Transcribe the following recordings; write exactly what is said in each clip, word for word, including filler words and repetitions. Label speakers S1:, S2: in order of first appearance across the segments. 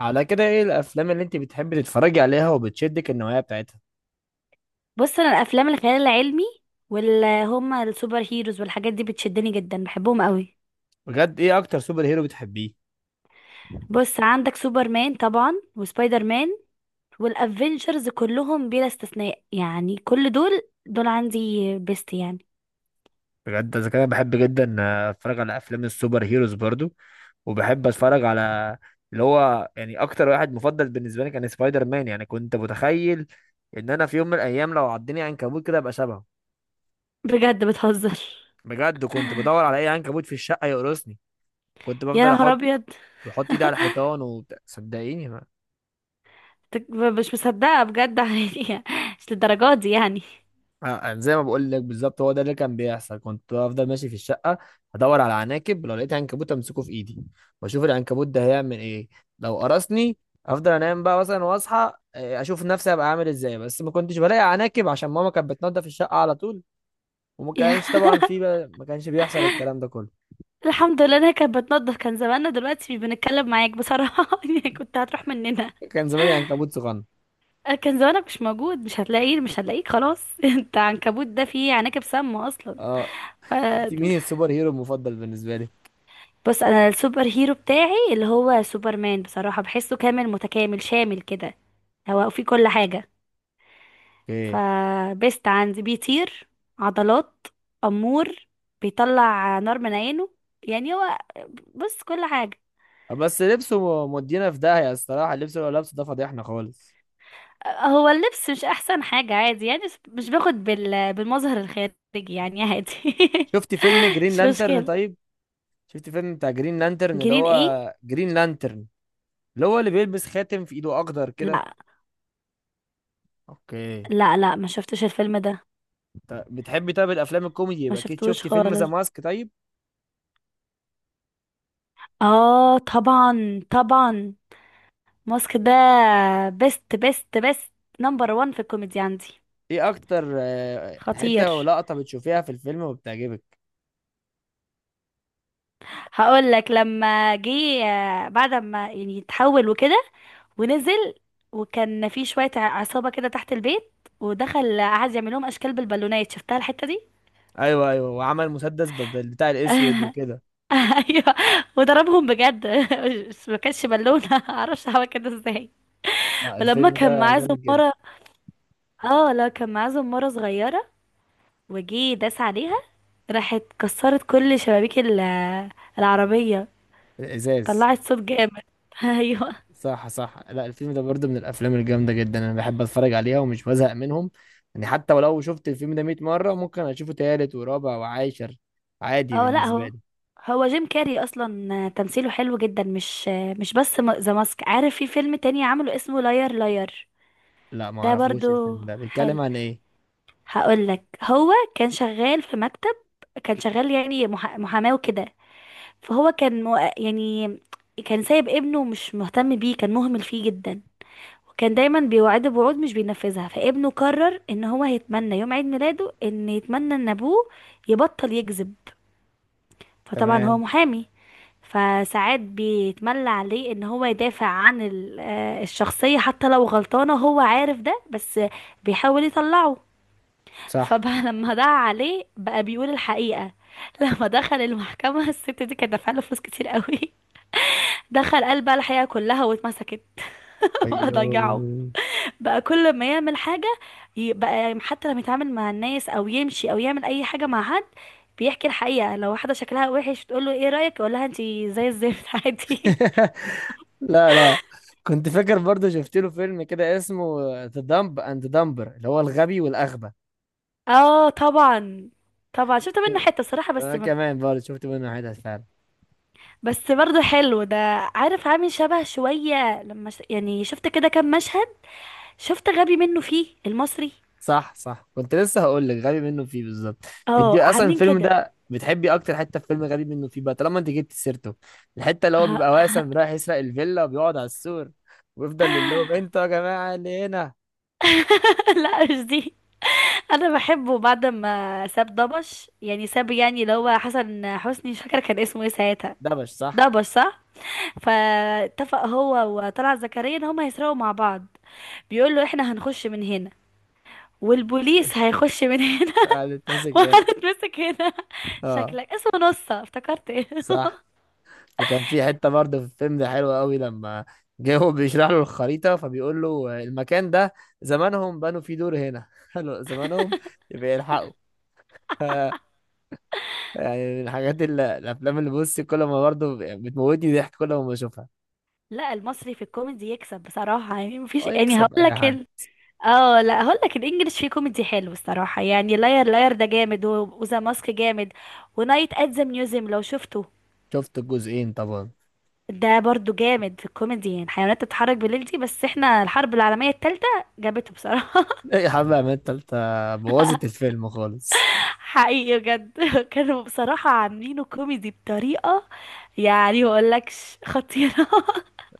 S1: على كده، ايه الافلام اللي انت بتحبي تتفرجي عليها وبتشدك النوعيه بتاعتها؟
S2: بص انا الافلام الخيال العلمي واللي هما السوبر هيروز والحاجات دي بتشدني جدا، بحبهم قوي.
S1: بجد ايه اكتر سوبر هيرو بتحبيه؟
S2: بص عندك سوبرمان طبعا وسبايدر مان، والافنجرز كلهم بلا استثناء، يعني كل دول دول عندي بيست يعني.
S1: بجد اذا كده بحب جدا اتفرج على افلام السوبر هيروز برضو، وبحب اتفرج على اللي هو يعني اكتر واحد مفضل بالنسبه لي كان سبايدر مان. يعني كنت متخيل ان انا في يوم من الايام لو عضني عنكبوت كده ابقى شبهه.
S2: بجد بتهزر؟
S1: بجد كنت بدور على اي عنكبوت في الشقه يقرصني، كنت
S2: يا
S1: بفضل
S2: نهار
S1: احط،
S2: ابيض!
S1: بحط ايدي على الحيطان وبتاع، صدقيني.
S2: تك- مش مصدقه بجد يعني، مش للدرجات دي يعني.
S1: آه، زي ما بقول لك بالظبط، هو ده اللي كان بيحصل. كنت بفضل ماشي في الشقه ادور على عناكب، لو لقيت عنكبوت امسكه في ايدي واشوف العنكبوت ده هيعمل ايه لو قرصني، افضل انام بقى مثلا واصحى، آه، اشوف نفسي هبقى عامل ازاي. بس ما كنتش بلاقي عناكب عشان ماما كانت بتنضف الشقه على طول، وما
S2: يا-
S1: كانش طبعا في بقى ما كانش بيحصل الكلام ده كله.
S2: الحمد لله انا كانت بتنضف، كان زماننا دلوقتي بنتكلم معاك بصراحه يعني كنت هتروح مننا.
S1: كان زماني عنكبوت صغنن.
S2: آه، كان زمانك مش موجود، مش هتلاقيه، مش هتلاقيك خلاص انت عنكبوت ده فيه عناكب سامة اصلا.
S1: اه،
S2: ف...
S1: انت مين السوبر هيرو المفضل بالنسبه لي؟
S2: بص انا السوبر هيرو بتاعي اللي هو سوبرمان بصراحة، بحسه كامل متكامل شامل كده، هو فيه كل حاجة.
S1: ايه
S2: فبست عندي، بيطير، عضلات، أمور، بيطلع نار من عينه، يعني هو، بص كل حاجة.
S1: بس لبسه، مودينا في داهيه، الصراحه اللبس اللي هو لابسه ده فضيحنا خالص.
S2: هو اللبس مش احسن حاجة، عادي يعني، بس مش باخد بال... بالمظهر الخارجي، يعني عادي
S1: شفتي فيلم جرين
S2: مش
S1: لانترن
S2: مشكلة.
S1: طيب؟ شفت فيلم بتاع جرين لانترن، اللي
S2: جرين
S1: هو
S2: ايه؟
S1: جرين لانترن، اللي هو اللي بيلبس خاتم في ايده اخضر كده؟
S2: لا،
S1: اوكي.
S2: لا، لا ما شفتش الفيلم ده.
S1: ط- بتحبي طيب الافلام الكوميدي؟
S2: ما
S1: يبقى اكيد
S2: شفتوش
S1: شفتي فيلم ذا
S2: خالص.
S1: ماسك طيب.
S2: اه طبعا، طبعا. ماسك ده بيست بيست بيست، نمبر وان في الكوميدي عندي.
S1: ايه اكتر آه،
S2: خطير!
S1: حته ولقطه بتشوفيها في الفيلم وبتعجبك؟
S2: هقول لك لما جه، آه، بعد ما يعني اتحول وكده ونزل، وكان في شوية ع- عصابة كده تحت البيت، ودخل قعد يعمل لهم اشكال بالبالونات. شفتها الحتة دي؟
S1: ايوه ايوه، وعمل مسدس بال- بال- بتاع الاسود وكده.
S2: ايوه، وضربهم بجد مش- ما كانش بالونه معرفش عمل كده ازاي.
S1: لا
S2: ولما
S1: الفيلم
S2: كان
S1: ده
S2: معاه
S1: جامد جدا.
S2: زمارة، اه لا، كان معاه زمارة صغيرة، وجي داس عليها، راحت كسرت كل شبابيك ال- العربية،
S1: الازاز.
S2: طلعت صوت جامد ايوه.
S1: صح صح، لا الفيلم ده برضه من الافلام الجامده جدا انا بحب اتفرج عليها ومش بزهق منهم. يعني حتى ولو شفت الفيلم ده مائة مره ممكن اشوفه تالت ورابع وعاشر عادي
S2: اه لا
S1: بالنسبه
S2: هو
S1: لي.
S2: هو جيم كاري اصلا تمثيله حلو جدا، مش مش بس ذا ماسك، عارف في فيلم تاني عمله اسمه لاير لاير،
S1: لا ما
S2: ده
S1: اعرفوش
S2: برضو
S1: الفيلم ده،
S2: حلو.
S1: بيتكلم عن ايه؟
S2: هقولك هو كان شغال في مكتب، كان شغال يعني مح- محاماه وكده، فهو كان مو- يعني كان سايب ابنه، مش مهتم بيه، كان مهمل فيه جدا، كان دايما بيوعده بوعود مش بينفذها. فابنه قرر ان هو هيتمنى يوم عيد ميلاده ان يتمنى ان ابوه يبطل يكذب. فطبعا هو
S1: تمام.
S2: محامي، فساعات بيتملى عليه ان هو يدافع عن ال- آه، الشخصية حتى لو غلطانة، هو عارف ده، بس بيحاول يطلعه.
S1: صح.
S2: فبقى لما دعا عليه بقى بيقول الحقيقة، لما دخل المحكمة، الست دي كانت دافعة له فلوس كتير قوي دخل قال بقى الحقيقة كلها واتمسكت بقى ضيعه.
S1: ايوه.
S2: بقى كل ما يعمل حاجة، ي- بقى حتى لما يتعامل مع الناس او يمشي او يعمل اي حاجة مع حد، بيحكي الحقيقة. لو واحدة شكلها وحش تقول له ايه رأيك، يقول لها انتي زي الزفت عادي.
S1: لا لا، كنت فاكر برضه شفت له فيلم كده اسمه ذا دمب اند دمبر اللي هو الغبي والاغبى.
S2: اه طبعا، طبعا، شفت منه حتة صراحة بس
S1: انا
S2: م...
S1: كمان برضه شفت منه حتت فعلا.
S2: بس برضه حلو ده، عارف عامل شبه شوية لما ش... يعني شفت كده كام مشهد، شفت غبي منه فيه المصري.
S1: صح صح، كنت لسه هقول لك غبي منه فيه بالظبط. انت
S2: اه
S1: اصلا
S2: عاملين
S1: الفيلم
S2: كده.
S1: ده بتحبي اكتر حته في فيلم غبي منه فيه بقى، طالما انت جبت سيرته. الحته اللي هو بيبقى واسم رايح يسرق الفيلا وبيقعد على السور ويفضل يقول لهم انتوا يا جماعه اللي هنا.
S2: لا مش دي، انا بحبه بعد ما ساب دبش، يعني ساب يعني اللي هو حسن حسني، مش فاكره كان اسمه ايه ساعتها.
S1: دبش صح.
S2: دبش صح. فاتفق هو وطلعت زكريا ان هما هيسرقوا مع بعض، بيقول له احنا هنخش من هنا، والبوليس هيخش من هنا
S1: قال اتمسك هنا.
S2: وهنتمسك هنا.
S1: اه
S2: شكلك اسمه نصة، افتكرت ايه.
S1: صح. وكان في حته برضه في الفيلم ده حلوه قوي لما جه هو بيشرح له الخريطه فبيقول له المكان ده زمانهم بنوا فيه دور هنا. حلو زمانهم يبقى يلحقوا. يعني من الحاجات اللي الافلام اللي، بص، كل ما برضه بتموتني ضحك كل ما بشوفها.
S2: لا، المصري في الكوميدي يكسب بصراحة، يعني مفيش،
S1: هو
S2: يعني
S1: يكسب
S2: هقول
S1: اي
S2: لك.
S1: حد.
S2: اه لا هقول لك، الانجليش فيه كوميدي حلو الصراحه، يعني لاير لاير ده جامد، وذا ماسك جامد، ونايت ات ذا ميوزيوم لو شفته،
S1: شفت الجزئين طبعا.
S2: ده برضو جامد في الكوميدي. يعني حيوانات تتحرك بالليل دي، بس احنا الحرب العالميه الثالثه جابته بصراحه.
S1: ايه يا حبيبي يا عماد، التالتة بوظت الفيلم خالص.
S2: حقيقي بجد كانوا بصراحه عاملينه كوميدي بطريقه، يعني ما اقولكش خطيره.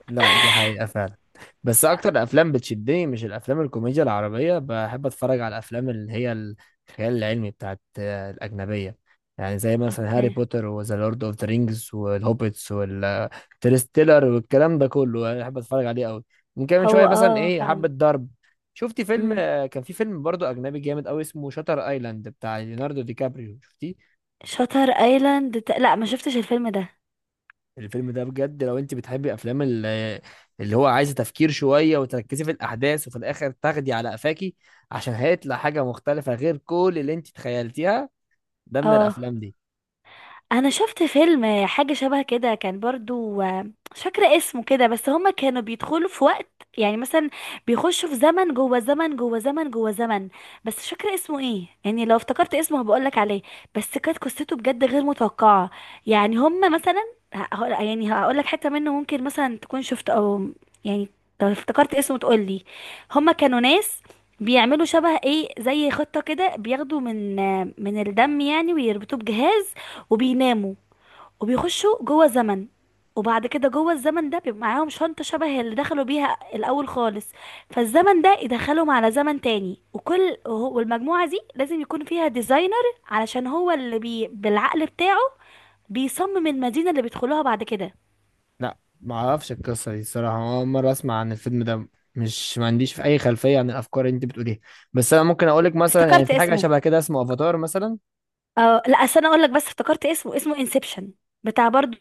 S1: لا دي حقيقة فعلا. بس أكتر أفلام بتشدني، مش الأفلام الكوميديا العربية، بحب أتفرج على الأفلام اللي هي الخيال العلمي بتاعت آه، الأجنبية. يعني زي مثلا هاري
S2: اوكي.
S1: بوتر وذا لورد أوف ذا رينجز والهوبيتس والترستيلر والكلام ده كله أنا بحب أتفرج عليه أوي. ممكن من شوية
S2: هو
S1: مثلا،
S2: اه
S1: إيه،
S2: فعلا.
S1: حبة ضرب. شفتي فيلم،
S2: امم
S1: آه، كان في فيلم برضه أجنبي جامد أوي اسمه شاتر أيلاند بتاع ليوناردو دي كابريو، شفتيه؟
S2: شاتر ايلاند، لا، ما شفتش الفيلم ده.
S1: الفيلم ده بجد لو انت بتحبي افلام ال- اللي هو عايزه تفكير شويه وتركزي في الاحداث وفي الاخر تاخدي على قفاكي، عشان هيطلع حاجه مختلفه غير كل اللي انت تخيلتيها، ده من
S2: اه،
S1: الافلام دي.
S2: انا شفت فيلم حاجه شبه كده، كان برضو آه، مش فاكره اسمه كده، بس هما كانوا بيدخلوا في وقت، يعني مثلا بيخشوا في زمن جوه زمن جوه زمن جوه زمن، بس مش فاكره اسمه ايه يعني. لو افتكرت اسمه هبقولك عليه. بس كانت قصته بجد غير متوقعه، يعني هما مثلا ه- ه- يعني هقولك حته منه ممكن مثلا تكون شفت او يعني، لو افتكرت اسمه تقولي. هما كانوا ناس بيعملوا شبه ايه زي خطة كده، بياخدوا من آه، من الدم يعني ويربطوه بجهاز وبيناموا وبيخشوا جوه زمن. وبعد كده جوه الزمن ده بيبقى معاهم شنطة شبه اللي دخلوا بيها الأول خالص، فالزمن ده يدخلهم على زمن تاني، وكل وهو- والمجموعة دي لازم يكون فيها ديزاينر علشان هو اللي بي بالعقل بتاعه بيصمم المدينة اللي بيدخلوها بعد كده.
S1: لا ما اعرفش القصه دي الصراحه، اول مره اسمع عن الفيلم ده، مش ما عنديش في اي خلفيه عن الافكار اللي انت بتقوليها. بس انا ممكن اقول لك مثلا يعني
S2: افتكرت
S1: في حاجه
S2: اسمه!
S1: شبه كده اسمه افاتار مثلا.
S2: اه لا، أصل أنا أقول لك، بس افتكرت اسمه، اسمه انسبشن، بتاع برضو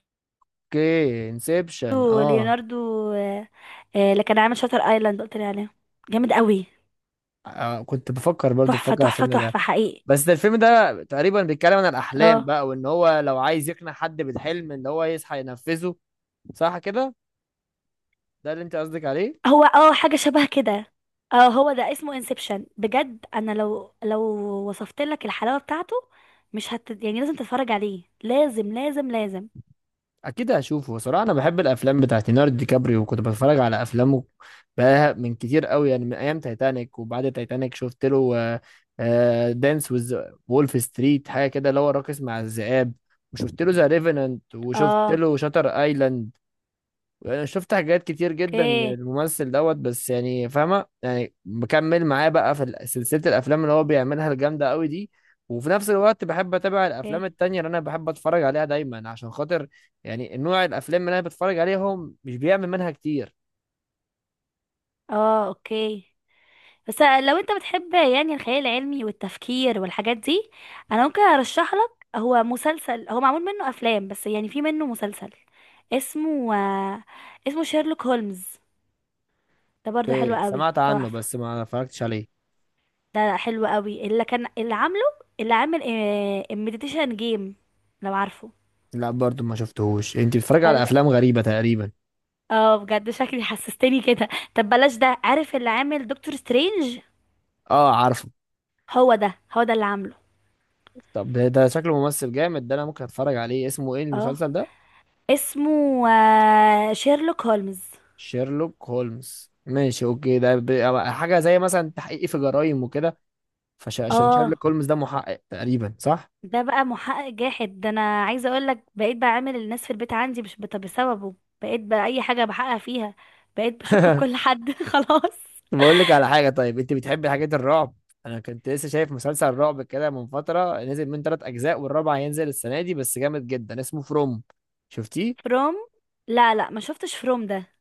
S1: اوكي انسبشن، اه.
S2: ليوناردو. آه، آه، اللي كان عامل شاتر ايلاند قلت لي عليه، جامد قوي،
S1: آه، كنت بفكر برضه
S2: تحفة
S1: بفكر على
S2: تحفة
S1: الفيلم ده.
S2: تحفة حقيقي.
S1: بس ده الفيلم ده تقريبا بيتكلم عن الأحلام
S2: اه
S1: بقى، وإن هو لو عايز يقنع حد بالحلم إن هو يصحى ينفذه. صح كده؟ ده اللي أنت قصدك عليه؟
S2: هو اه، حاجة شبه كده، اه هو ده اسمه انسبشن. بجد انا لو لو وصفت لك الحلاوة بتاعته، مش هت يعني لازم تتفرج عليه، لازم لازم لازم.
S1: أكيد هشوفه صراحة، أنا بحب الأفلام بتاعت ليوناردو دي كابريو وكنت بتفرج على أفلامه بقى من كتير قوي، يعني من أيام تايتانيك. وبعد تايتانيك شفت له دانس ويز، وولف ستريت، حاجة كده اللي هو راقص مع الذئاب، وشفت له ذا ريفننت، وشفت
S2: اه
S1: له شاتر ايلاند. انا شفت حاجات كتير جدا
S2: اوكي،
S1: للممثل دوت، بس يعني فاهمه، يعني بكمل معاه بقى في ال- سلسله الافلام اللي هو بيعملها الجامده قوي دي. وفي نفس الوقت بحب اتابع الافلام
S2: اوكي،
S1: التانية اللي انا بحب اتفرج عليها دايما عشان خاطر، يعني نوع الافلام اللي انا بتفرج عليهم مش بيعمل منها كتير.
S2: اه اوكي. بس لو انت بتحب يعني الخيال العلمي والتفكير والحاجات دي، انا ممكن ارشح لك، هو مسلسل، هو معمول منه افلام بس يعني في منه مسلسل، اسمه آه، اسمه شيرلوك هولمز، ده برضو حلو
S1: إيه،
S2: قوي،
S1: سمعت عنه
S2: تحفة.
S1: بس ما اتفرجتش عليه.
S2: ده حلو قوي، اللي كان اللي عامله، اللي عامل المديتيشن جيم، لو عارفه.
S1: لا برضو ما شفتهوش، انت بتتفرج
S2: بل...
S1: على افلام غريبه تقريبا.
S2: اه بجد شكلي حسستني كده. طب بلاش ده، عارف اللي عامل دكتور سترينج؟
S1: اه عارفه.
S2: هو ده، هو ده اللي عامله.
S1: طب ده ده شكله ممثل جامد، ده انا ممكن اتفرج عليه، اسمه ايه
S2: اه،
S1: المسلسل ده؟
S2: اسمه آه، شيرلوك هولمز.
S1: شيرلوك هولمز، ماشي اوكي، ده ب- حاجة زي مثلا تحقيق في جرائم وكده، فعشان
S2: اه.
S1: شيرلوك هولمز ده محقق تقريبا صح؟
S2: ده بقى محقق جاحد ده، انا عايزه اقول لك بقيت بعامل الناس في البيت عندي مش بت- بسببه، بقيت بقى اي حاجه بحقق فيها، بقيت بشك في كل حد خلاص.
S1: بقول لك على حاجة، طيب انت بتحبي حاجات الرعب؟ انا كنت لسه شايف مسلسل رعب كده من فترة، نزل من ثلاث اجزاء والرابع هينزل السنة دي، بس جامد جدا اسمه فروم، شفتيه؟
S2: فروم؟ لا، لا، ما شفتش فروم ده.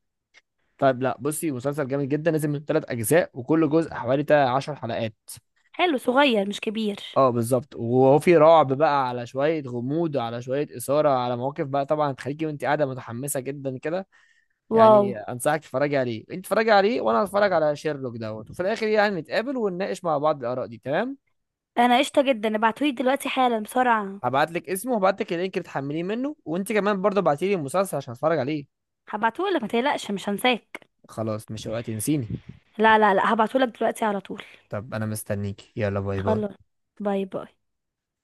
S1: طيب لا بصي، مسلسل جامد جدا نزل من ثلاث اجزاء وكل جزء حوالي 10 حلقات.
S2: حلو، صغير مش كبير.
S1: اه بالظبط، وهو في رعب بقى على شويه غموض على شويه اثاره على مواقف بقى طبعا تخليكي وانت قاعده متحمسه جدا كده.
S2: واو.
S1: يعني انصحك تتفرجي عليه، انت تتفرجي عليه وانا هتفرج على شيرلوك دوت، وفي الاخر يعني نتقابل ونناقش مع بعض الاراء دي، تمام؟
S2: انا قشطه جدا، ابعتولي دلوقتي حالا بسرعه.
S1: هبعت لك اسمه وهبعت لك اللينك اللي تحمليه منه، وانت كمان برضه ابعتي لي المسلسل عشان اتفرج عليه.
S2: هبعتهولك ما تقلقش، مش هنساك.
S1: خلاص، مش وقت تنسيني.
S2: لا لا لا، هبعتهولك دلوقتي على طول.
S1: طب انا مستنيك، يلا باي باي.
S2: خلاص. باي باي.